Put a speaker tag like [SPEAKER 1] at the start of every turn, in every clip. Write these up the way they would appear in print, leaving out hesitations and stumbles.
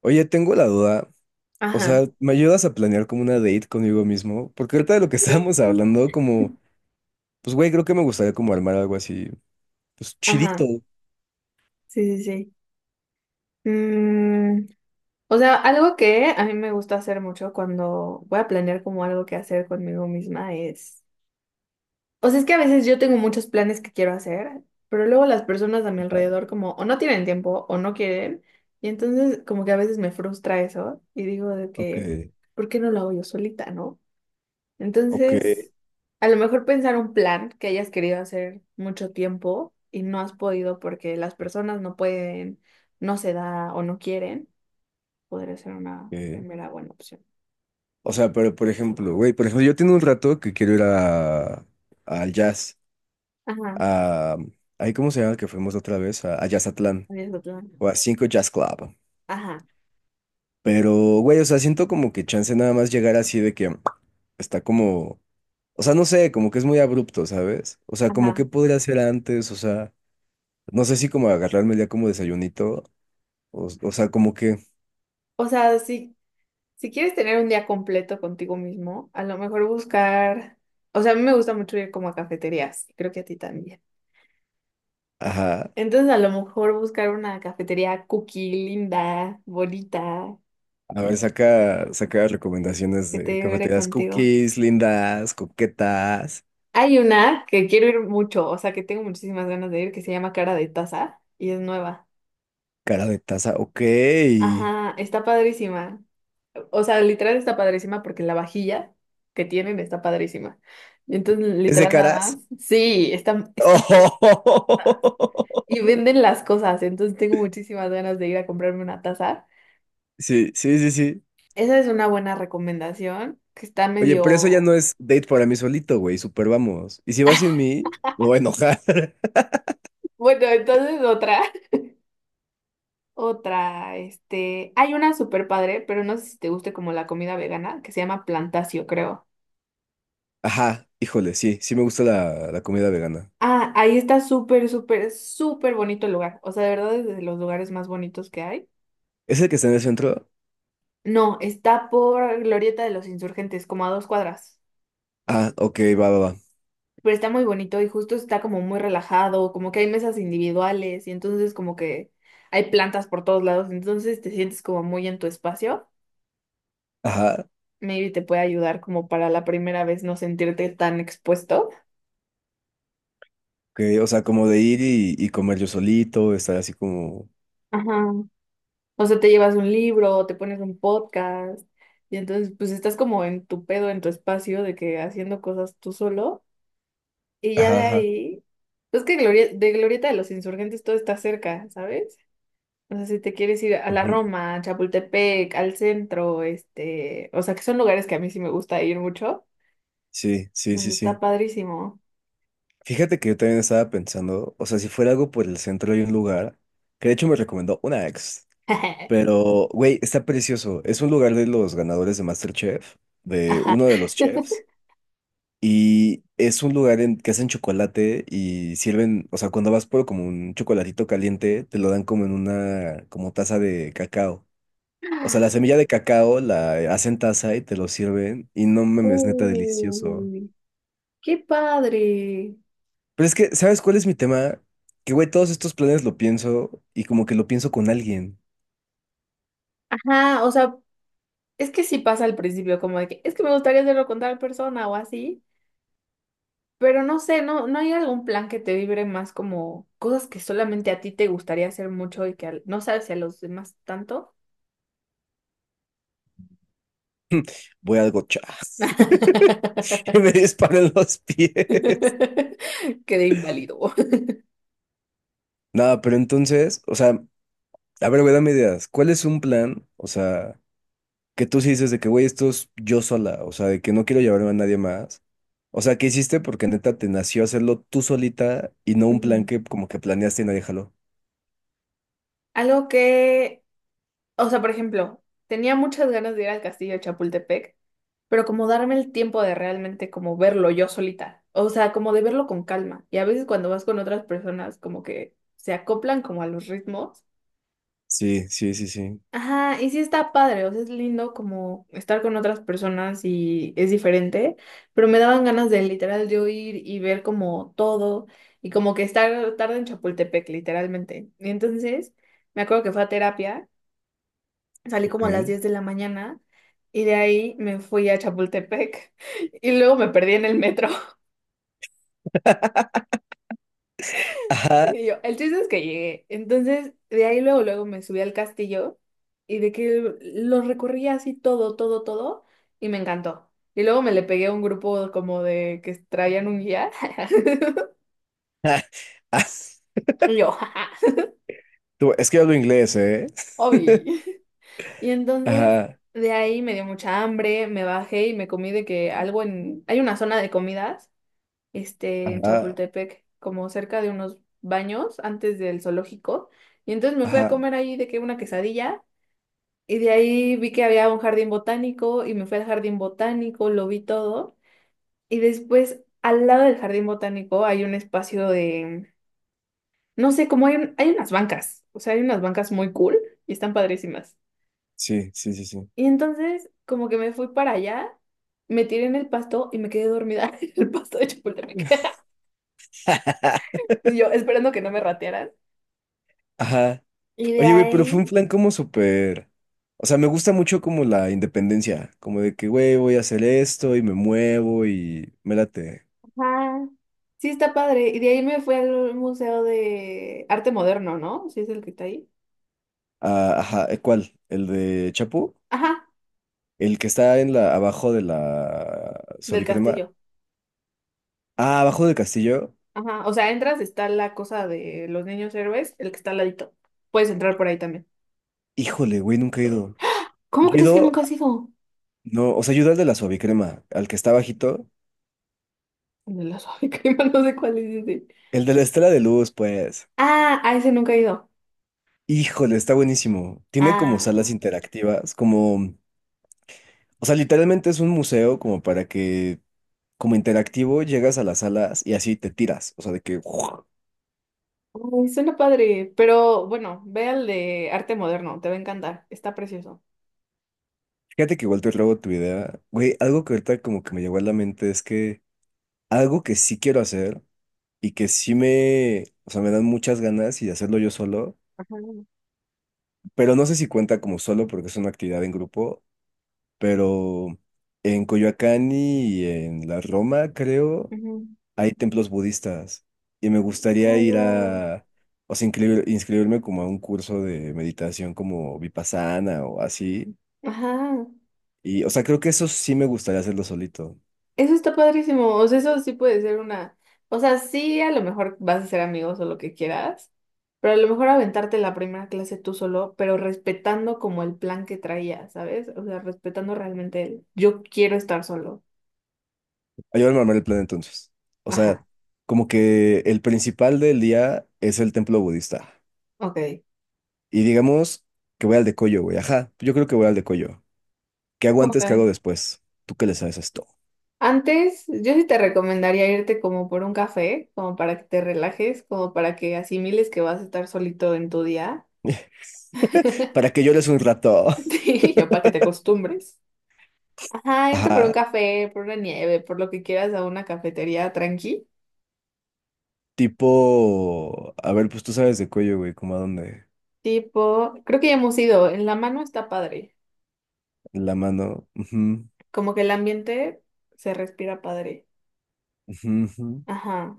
[SPEAKER 1] Oye, tengo la duda. O
[SPEAKER 2] Ajá,
[SPEAKER 1] sea, ¿me ayudas a planear como una date conmigo mismo? Porque ahorita de lo que estábamos hablando, como, pues güey, creo que me gustaría como armar algo así, pues chidito.
[SPEAKER 2] ajá, sí, sí, sí. Mm, o sea, algo que a mí me gusta hacer mucho cuando voy a planear como algo que hacer conmigo misma es, o sea, es que a veces yo tengo muchos planes que quiero hacer, pero luego las personas a mi alrededor como o no tienen tiempo o no quieren, y entonces como que a veces me frustra eso y digo de
[SPEAKER 1] Ok,
[SPEAKER 2] que, ¿por qué no lo hago yo solita, no?
[SPEAKER 1] ok,
[SPEAKER 2] Entonces, a lo mejor pensar un plan que hayas querido hacer mucho tiempo y no has podido porque las personas no pueden, no se da o no quieren, podría ser una
[SPEAKER 1] ok.
[SPEAKER 2] primera buena opción.
[SPEAKER 1] O sea, pero por ejemplo, güey, por ejemplo, yo tengo un rato que quiero ir al jazz,
[SPEAKER 2] Ajá,
[SPEAKER 1] a, ahí cómo se llama que fuimos la otra vez, a Jazzatlán,
[SPEAKER 2] es tu
[SPEAKER 1] o
[SPEAKER 2] plan.
[SPEAKER 1] a Cinco Jazz Club.
[SPEAKER 2] Ajá,
[SPEAKER 1] Pero, güey, o sea, siento como que chance nada más llegar así de que está como. O sea, no sé, como que es muy abrupto, ¿sabes? O sea, como que
[SPEAKER 2] ajá.
[SPEAKER 1] podría hacer antes, o sea, no sé si como agarrarme ya como desayunito, o sea, como que,
[SPEAKER 2] O sea, si quieres tener un día completo contigo mismo, a lo mejor buscar, o sea, a mí me gusta mucho ir como a cafeterías, y creo que a ti también.
[SPEAKER 1] ajá,
[SPEAKER 2] Entonces, a lo mejor buscar una cafetería cookie linda, bonita,
[SPEAKER 1] a ver, saca recomendaciones
[SPEAKER 2] que te
[SPEAKER 1] de
[SPEAKER 2] lleve
[SPEAKER 1] cafeterías
[SPEAKER 2] contigo.
[SPEAKER 1] cookies, lindas, coquetas,
[SPEAKER 2] Hay una que quiero ir mucho, o sea, que tengo muchísimas ganas de ir, que se llama Cara de Taza y es nueva.
[SPEAKER 1] cara de taza, ok. ¿Es
[SPEAKER 2] Ajá, está padrísima. O sea, literal está padrísima porque la vajilla que tienen está padrísima. Entonces,
[SPEAKER 1] de
[SPEAKER 2] literal nada
[SPEAKER 1] caras?
[SPEAKER 2] más. Sí, y venden las cosas, entonces tengo muchísimas ganas de ir a comprarme una taza.
[SPEAKER 1] Sí, sí, sí, sí.
[SPEAKER 2] Esa es una buena recomendación, que está
[SPEAKER 1] Oye, pero eso ya
[SPEAKER 2] medio...
[SPEAKER 1] no es date para mí solito, güey, super vamos. Y si vas sin mí, me voy a enojar.
[SPEAKER 2] Bueno, entonces otra. Otra, hay una súper padre, pero no sé si te guste como la comida vegana, que se llama Plantacio, creo.
[SPEAKER 1] Ajá, híjole, sí, sí me gusta la comida vegana.
[SPEAKER 2] Ah, ahí está súper, súper, súper bonito el lugar. O sea, de verdad es de los lugares más bonitos que hay.
[SPEAKER 1] ¿Es el que está en el centro?
[SPEAKER 2] No, está por Glorieta de los Insurgentes, como a dos cuadras.
[SPEAKER 1] Ah, ok, va, va, va.
[SPEAKER 2] Pero está muy bonito y justo está como muy relajado, como que hay mesas individuales y entonces como que hay plantas por todos lados, entonces te sientes como muy en tu espacio.
[SPEAKER 1] Ajá,
[SPEAKER 2] Maybe te puede ayudar como para la primera vez no sentirte tan expuesto.
[SPEAKER 1] ok, o sea, como de ir y comer yo solito, estar así como...
[SPEAKER 2] Ajá. O sea, te llevas un libro, te pones un podcast, y entonces pues estás como en tu pedo, en tu espacio, de que haciendo cosas tú solo, y ya
[SPEAKER 1] Ajá,
[SPEAKER 2] de
[SPEAKER 1] ajá.
[SPEAKER 2] ahí, pues que de Glorieta de los Insurgentes todo está cerca, ¿sabes? O sea, si te quieres ir a la
[SPEAKER 1] Ujú,
[SPEAKER 2] Roma, a Chapultepec, al centro, o sea, que son lugares que a mí sí me gusta ir mucho,
[SPEAKER 1] sí, sí,
[SPEAKER 2] pues
[SPEAKER 1] sí,
[SPEAKER 2] está
[SPEAKER 1] sí.
[SPEAKER 2] padrísimo.
[SPEAKER 1] Fíjate que yo también estaba pensando, o sea, si fuera algo por el centro hay un lugar, que de hecho me recomendó una ex, pero, güey, está precioso. Es un lugar de los ganadores de MasterChef, de
[SPEAKER 2] Ajá.
[SPEAKER 1] uno de los chefs. Y es un lugar en que hacen chocolate y sirven, o sea, cuando vas por como un chocolatito caliente, te lo dan como en una, como taza de cacao. O sea, la semilla de cacao la hacen taza y te lo sirven y no mames, neta delicioso.
[SPEAKER 2] Uy, qué padre.
[SPEAKER 1] Pero es que, ¿sabes cuál es mi tema? Que, güey, todos estos planes lo pienso y como que lo pienso con alguien.
[SPEAKER 2] Ajá, o sea, es que sí pasa al principio, como de que es que me gustaría hacerlo con tal persona o así, pero no sé, no hay algún plan que te vibre más como cosas que solamente a ti te gustaría hacer mucho y que no sabes si a los demás tanto.
[SPEAKER 1] Voy al gocha. Y me disparan los pies.
[SPEAKER 2] Quedé inválido.
[SPEAKER 1] Nada, pero entonces, o sea, a ver, güey, dame ideas. ¿Cuál es un plan? O sea... que tú sí dices de que, güey, esto es yo sola, o sea, de que no quiero llevarme a nadie más. O sea, ¿qué hiciste? Porque neta te nació hacerlo tú solita y no un plan
[SPEAKER 2] Ujú.
[SPEAKER 1] que como que planeaste y nadie jaló.
[SPEAKER 2] Algo que... O sea, por ejemplo, tenía muchas ganas de ir al castillo de Chapultepec, pero como darme el tiempo de realmente como verlo yo solita. O sea, como de verlo con calma. Y a veces cuando vas con otras personas, como que se acoplan como a los ritmos.
[SPEAKER 1] Sí, sí, sí, sí.
[SPEAKER 2] Ajá, y sí está padre, o sea, es lindo como estar con otras personas y es diferente, pero me daban ganas de literal yo ir y ver como todo y como que estar tarde en Chapultepec, literalmente. Y entonces me acuerdo que fue a terapia. Salí como a las
[SPEAKER 1] Ok.
[SPEAKER 2] 10 de la mañana y de ahí me fui a Chapultepec y luego me perdí en el metro.
[SPEAKER 1] Ajá.
[SPEAKER 2] Y yo, el chiste es que llegué. Entonces, de ahí luego, luego me subí al castillo y de que lo recorrí así todo, todo, todo y me encantó. Y luego me le pegué a un grupo como de que traían un guía.
[SPEAKER 1] Ah,
[SPEAKER 2] Y yo, jaja,
[SPEAKER 1] tú, es que yo hablo inglés, ¿eh?
[SPEAKER 2] obvio. Y entonces
[SPEAKER 1] Ajá,
[SPEAKER 2] de ahí me dio mucha hambre, me bajé y me comí de que algo en... Hay una zona de comidas en
[SPEAKER 1] ajá,
[SPEAKER 2] Chapultepec, como cerca de unos baños antes del zoológico. Y entonces me fui a
[SPEAKER 1] ajá.
[SPEAKER 2] comer ahí de que una quesadilla y de ahí vi que había un jardín botánico y me fui al jardín botánico, lo vi todo. Y después al lado del jardín botánico hay un espacio de, no sé, como hay, hay unas bancas, o sea, hay unas bancas muy cool y están padrísimas.
[SPEAKER 1] Sí, sí, sí, sí.
[SPEAKER 2] Y entonces como que me fui para allá. Me tiré en el pasto y me quedé dormida en el pasto de Chapultepec. Y yo esperando que no me ratearan.
[SPEAKER 1] Ajá.
[SPEAKER 2] Y de
[SPEAKER 1] Oye, güey, pero fue un
[SPEAKER 2] ahí,
[SPEAKER 1] plan como súper. O sea, me gusta mucho como la independencia, como de que, güey, voy a hacer esto y me muevo y me late.
[SPEAKER 2] ajá, sí está padre. Y de ahí me fui al Museo de Arte Moderno, ¿no? Sí es el que está ahí.
[SPEAKER 1] Ah, ajá, ¿eh, ¿cuál? ¿El de Chapu?
[SPEAKER 2] Ajá,
[SPEAKER 1] El que está en la, abajo de la
[SPEAKER 2] del
[SPEAKER 1] suavicrema.
[SPEAKER 2] castillo.
[SPEAKER 1] Ah, abajo del castillo.
[SPEAKER 2] Ajá, o sea, entras, está la cosa de los niños héroes, el que está al ladito. Puedes entrar por ahí también.
[SPEAKER 1] Híjole, güey, nunca he ido.
[SPEAKER 2] ¿Cómo
[SPEAKER 1] Yo he
[SPEAKER 2] crees que
[SPEAKER 1] ido,
[SPEAKER 2] nunca has ido?
[SPEAKER 1] no, o sea, yo he ido al de la suavicrema, al que está bajito.
[SPEAKER 2] El de la suave crema, no sé cuál es ese.
[SPEAKER 1] El de la estela de luz, pues.
[SPEAKER 2] Ah, a ese nunca he ido.
[SPEAKER 1] Híjole, está buenísimo. Tiene como
[SPEAKER 2] Ah,
[SPEAKER 1] salas interactivas, como, o sea, literalmente es un museo como para que, como interactivo, llegas a las salas y así te tiras. O sea, de que, ¡guau!
[SPEAKER 2] ay, suena padre. Pero bueno, ve al de Arte Moderno, te va a encantar. Está precioso.
[SPEAKER 1] Fíjate que igual te robo tu idea. Güey, algo que ahorita como que me llegó a la mente es que algo que sí quiero hacer y que sí me, o sea, me dan muchas ganas y de hacerlo yo solo,
[SPEAKER 2] Ajá.
[SPEAKER 1] pero no sé si cuenta como solo porque es una actividad en grupo, pero en Coyoacán y en la Roma, creo,
[SPEAKER 2] Ujú.
[SPEAKER 1] hay templos budistas y me gustaría
[SPEAKER 2] Ay,
[SPEAKER 1] ir
[SPEAKER 2] wow.
[SPEAKER 1] a, o sea, inscribirme como a un curso de meditación como Vipassana o así.
[SPEAKER 2] Ajá.
[SPEAKER 1] Y, o sea, creo que eso sí me gustaría hacerlo solito.
[SPEAKER 2] Eso está padrísimo. O sea, eso sí puede ser una. O sea, sí, a lo mejor vas a ser amigos o lo que quieras, pero a lo mejor aventarte la primera clase tú solo, pero respetando como el plan que traías, ¿sabes? O sea, respetando realmente el yo quiero estar solo.
[SPEAKER 1] Ayúdame a armar el plan entonces. O sea,
[SPEAKER 2] Ajá,
[SPEAKER 1] como que el principal del día es el templo budista.
[SPEAKER 2] ok,
[SPEAKER 1] Y digamos que voy al de Coyo, güey. Ajá, yo creo que voy al de Coyo. ¿Qué hago
[SPEAKER 2] ok.
[SPEAKER 1] antes? ¿Qué hago después? ¿Tú qué le sabes a esto?
[SPEAKER 2] Antes, yo sí te recomendaría irte como por un café, como para que te relajes, como para que asimiles que vas a estar solito en tu día,
[SPEAKER 1] Para que llores un rato.
[SPEAKER 2] sí, ya para que te acostumbres. Ajá, irte por un
[SPEAKER 1] Ajá.
[SPEAKER 2] café, por una nieve, por lo que quieras a una cafetería tranqui.
[SPEAKER 1] Tipo, a ver, pues tú sabes de Coyo, güey, como a dónde.
[SPEAKER 2] Tipo, creo que ya hemos ido. En la mano está padre.
[SPEAKER 1] La mano. Ujú,
[SPEAKER 2] Como que el ambiente se respira padre.
[SPEAKER 1] ujú, ujú.
[SPEAKER 2] Ajá.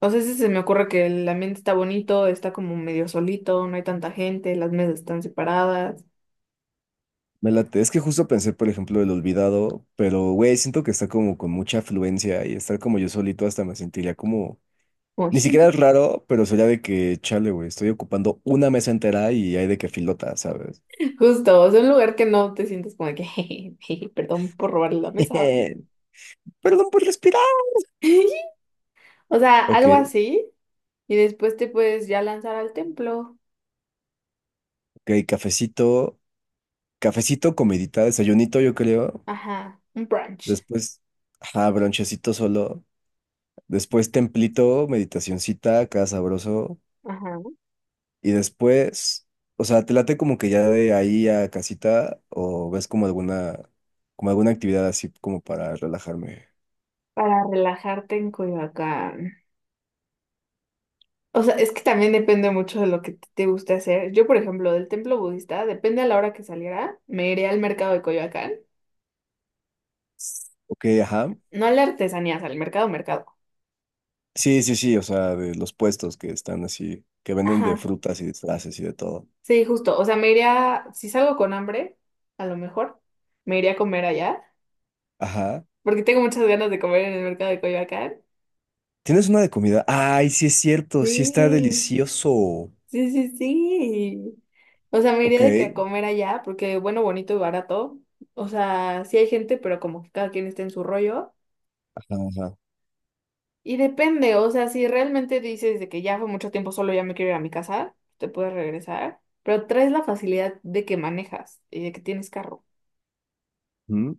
[SPEAKER 2] O sea, sí se me ocurre que el ambiente está bonito, está como medio solito, no hay tanta gente, las mesas están separadas.
[SPEAKER 1] Me late. Es que justo pensé, por ejemplo, el olvidado, pero, güey, siento que está como con mucha afluencia y estar como yo solito hasta me sentiría como.
[SPEAKER 2] Como,
[SPEAKER 1] Ni
[SPEAKER 2] ji.
[SPEAKER 1] siquiera es raro, pero sería de que, chale, güey, estoy ocupando una mesa entera y hay de que filota, ¿sabes?
[SPEAKER 2] Justo, o sea, un lugar que no te sientes como de que, "Jeje, perdón por robarle la mesa.
[SPEAKER 1] Perdón por respirar.
[SPEAKER 2] O sea,
[SPEAKER 1] Ok,
[SPEAKER 2] algo así. Y después te puedes ya lanzar al templo.
[SPEAKER 1] ok, cafecito, cafecito, comidita, desayunito, yo creo.
[SPEAKER 2] Ajá, un brunch.
[SPEAKER 1] Después, ajá, bronchecito solo. Después, templito, meditacioncita, acá sabroso.
[SPEAKER 2] Ajá.
[SPEAKER 1] Y después, o sea, ¿te late como que ya de ahí a casita o ves como alguna actividad así como para relajarme?
[SPEAKER 2] Para relajarte en Coyoacán. O sea, es que también depende mucho de lo que te guste hacer. Yo, por ejemplo, del templo budista, depende a la hora que saliera, me iré al mercado de Coyoacán.
[SPEAKER 1] Ok, ajá.
[SPEAKER 2] No a las artesanías, al mercado, mercado.
[SPEAKER 1] Sí, sí, sí, o sea, de los puestos que están así, que venden de
[SPEAKER 2] Ajá.
[SPEAKER 1] frutas y disfraces y de todo.
[SPEAKER 2] Sí, justo. O sea, me iría, si salgo con hambre, a lo mejor, me iría a comer allá,
[SPEAKER 1] Ajá.
[SPEAKER 2] porque tengo muchas ganas de comer en el mercado de Coyoacán.
[SPEAKER 1] ¿Tienes una de comida? Ay, sí es cierto, sí está
[SPEAKER 2] Sí.
[SPEAKER 1] delicioso.
[SPEAKER 2] Sí, sí, sí. O sea, me
[SPEAKER 1] Ok.
[SPEAKER 2] iría de que a comer allá, porque bueno, bonito y barato. O sea, sí hay gente, pero como que cada quien está en su rollo.
[SPEAKER 1] Ajá, ajá.
[SPEAKER 2] Y depende, o sea, si realmente dices de que ya fue mucho tiempo solo, ya me quiero ir a mi casa, te puedes regresar, pero traes la facilidad de que manejas y de que tienes carro.
[SPEAKER 1] Mm.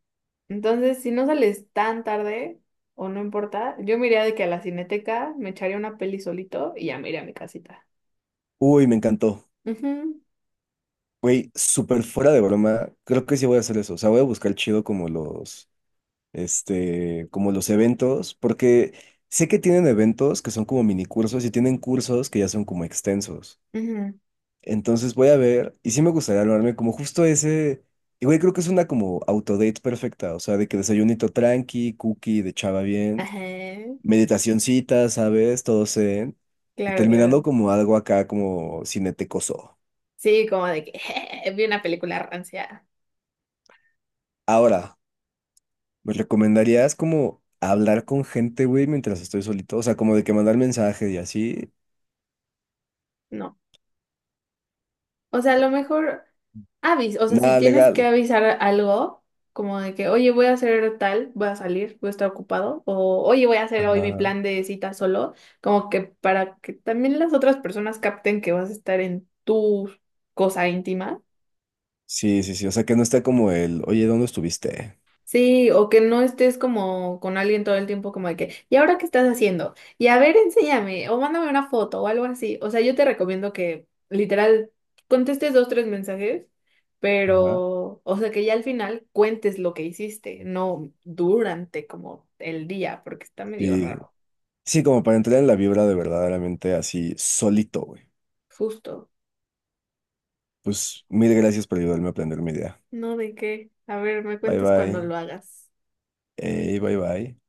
[SPEAKER 2] Entonces, si no sales tan tarde, o no importa, yo me iría de que a la cineteca me echaría una peli solito y ya me iría a mi casita.
[SPEAKER 1] Uy, me encantó.
[SPEAKER 2] Ujú,
[SPEAKER 1] Güey, súper fuera de broma. Creo que sí voy a hacer eso. O sea, voy a buscar chido como los, como los eventos, porque sé que tienen eventos que son como mini cursos y tienen cursos que ya son como extensos.
[SPEAKER 2] ujú.
[SPEAKER 1] Entonces voy a ver, y sí me gustaría armarme como justo ese, y güey, creo que es una como autodate perfecta, o sea, de que desayunito tranqui, cookie, de chava bien,
[SPEAKER 2] Ajá,
[SPEAKER 1] meditacioncita, ¿sabes? Todo zen, y
[SPEAKER 2] claro,
[SPEAKER 1] terminando
[SPEAKER 2] claro.
[SPEAKER 1] como algo acá como cinetecoso.
[SPEAKER 2] Sí, como de que vi una película rancia.
[SPEAKER 1] Ahora, ¿me recomendarías como hablar con gente, güey, mientras estoy solito? O sea, como de que mandar mensaje y así.
[SPEAKER 2] No. O sea, a lo mejor avis, o sea, si
[SPEAKER 1] Nada
[SPEAKER 2] tienes que
[SPEAKER 1] legal.
[SPEAKER 2] avisar algo, como de que, oye, voy a hacer tal, voy a salir, voy a estar ocupado, o oye, voy a hacer hoy mi
[SPEAKER 1] Ajá.
[SPEAKER 2] plan de cita solo, como que para que también las otras personas capten que vas a estar en tu cosa íntima.
[SPEAKER 1] Sí, sí, sí, o sea, que no está como el, oye, ¿dónde estuviste?
[SPEAKER 2] Sí, o que no estés como con alguien todo el tiempo como de que, ¿y ahora qué estás haciendo? Y a ver, enséñame, o mándame una foto o algo así. O sea, yo te recomiendo que literal contestes dos, tres mensajes,
[SPEAKER 1] Ajá.
[SPEAKER 2] pero, o sea, que ya al final cuentes lo que hiciste, no durante como el día, porque está medio
[SPEAKER 1] Sí.
[SPEAKER 2] raro.
[SPEAKER 1] Sí, como para entrar en la vibra de verdaderamente así solito, güey.
[SPEAKER 2] Justo.
[SPEAKER 1] Pues mil gracias por ayudarme a aprender mi idea.
[SPEAKER 2] No, ¿de qué? A ver, me
[SPEAKER 1] Bye
[SPEAKER 2] cuentas cuando
[SPEAKER 1] bye.
[SPEAKER 2] lo hagas.
[SPEAKER 1] Ey, bye bye.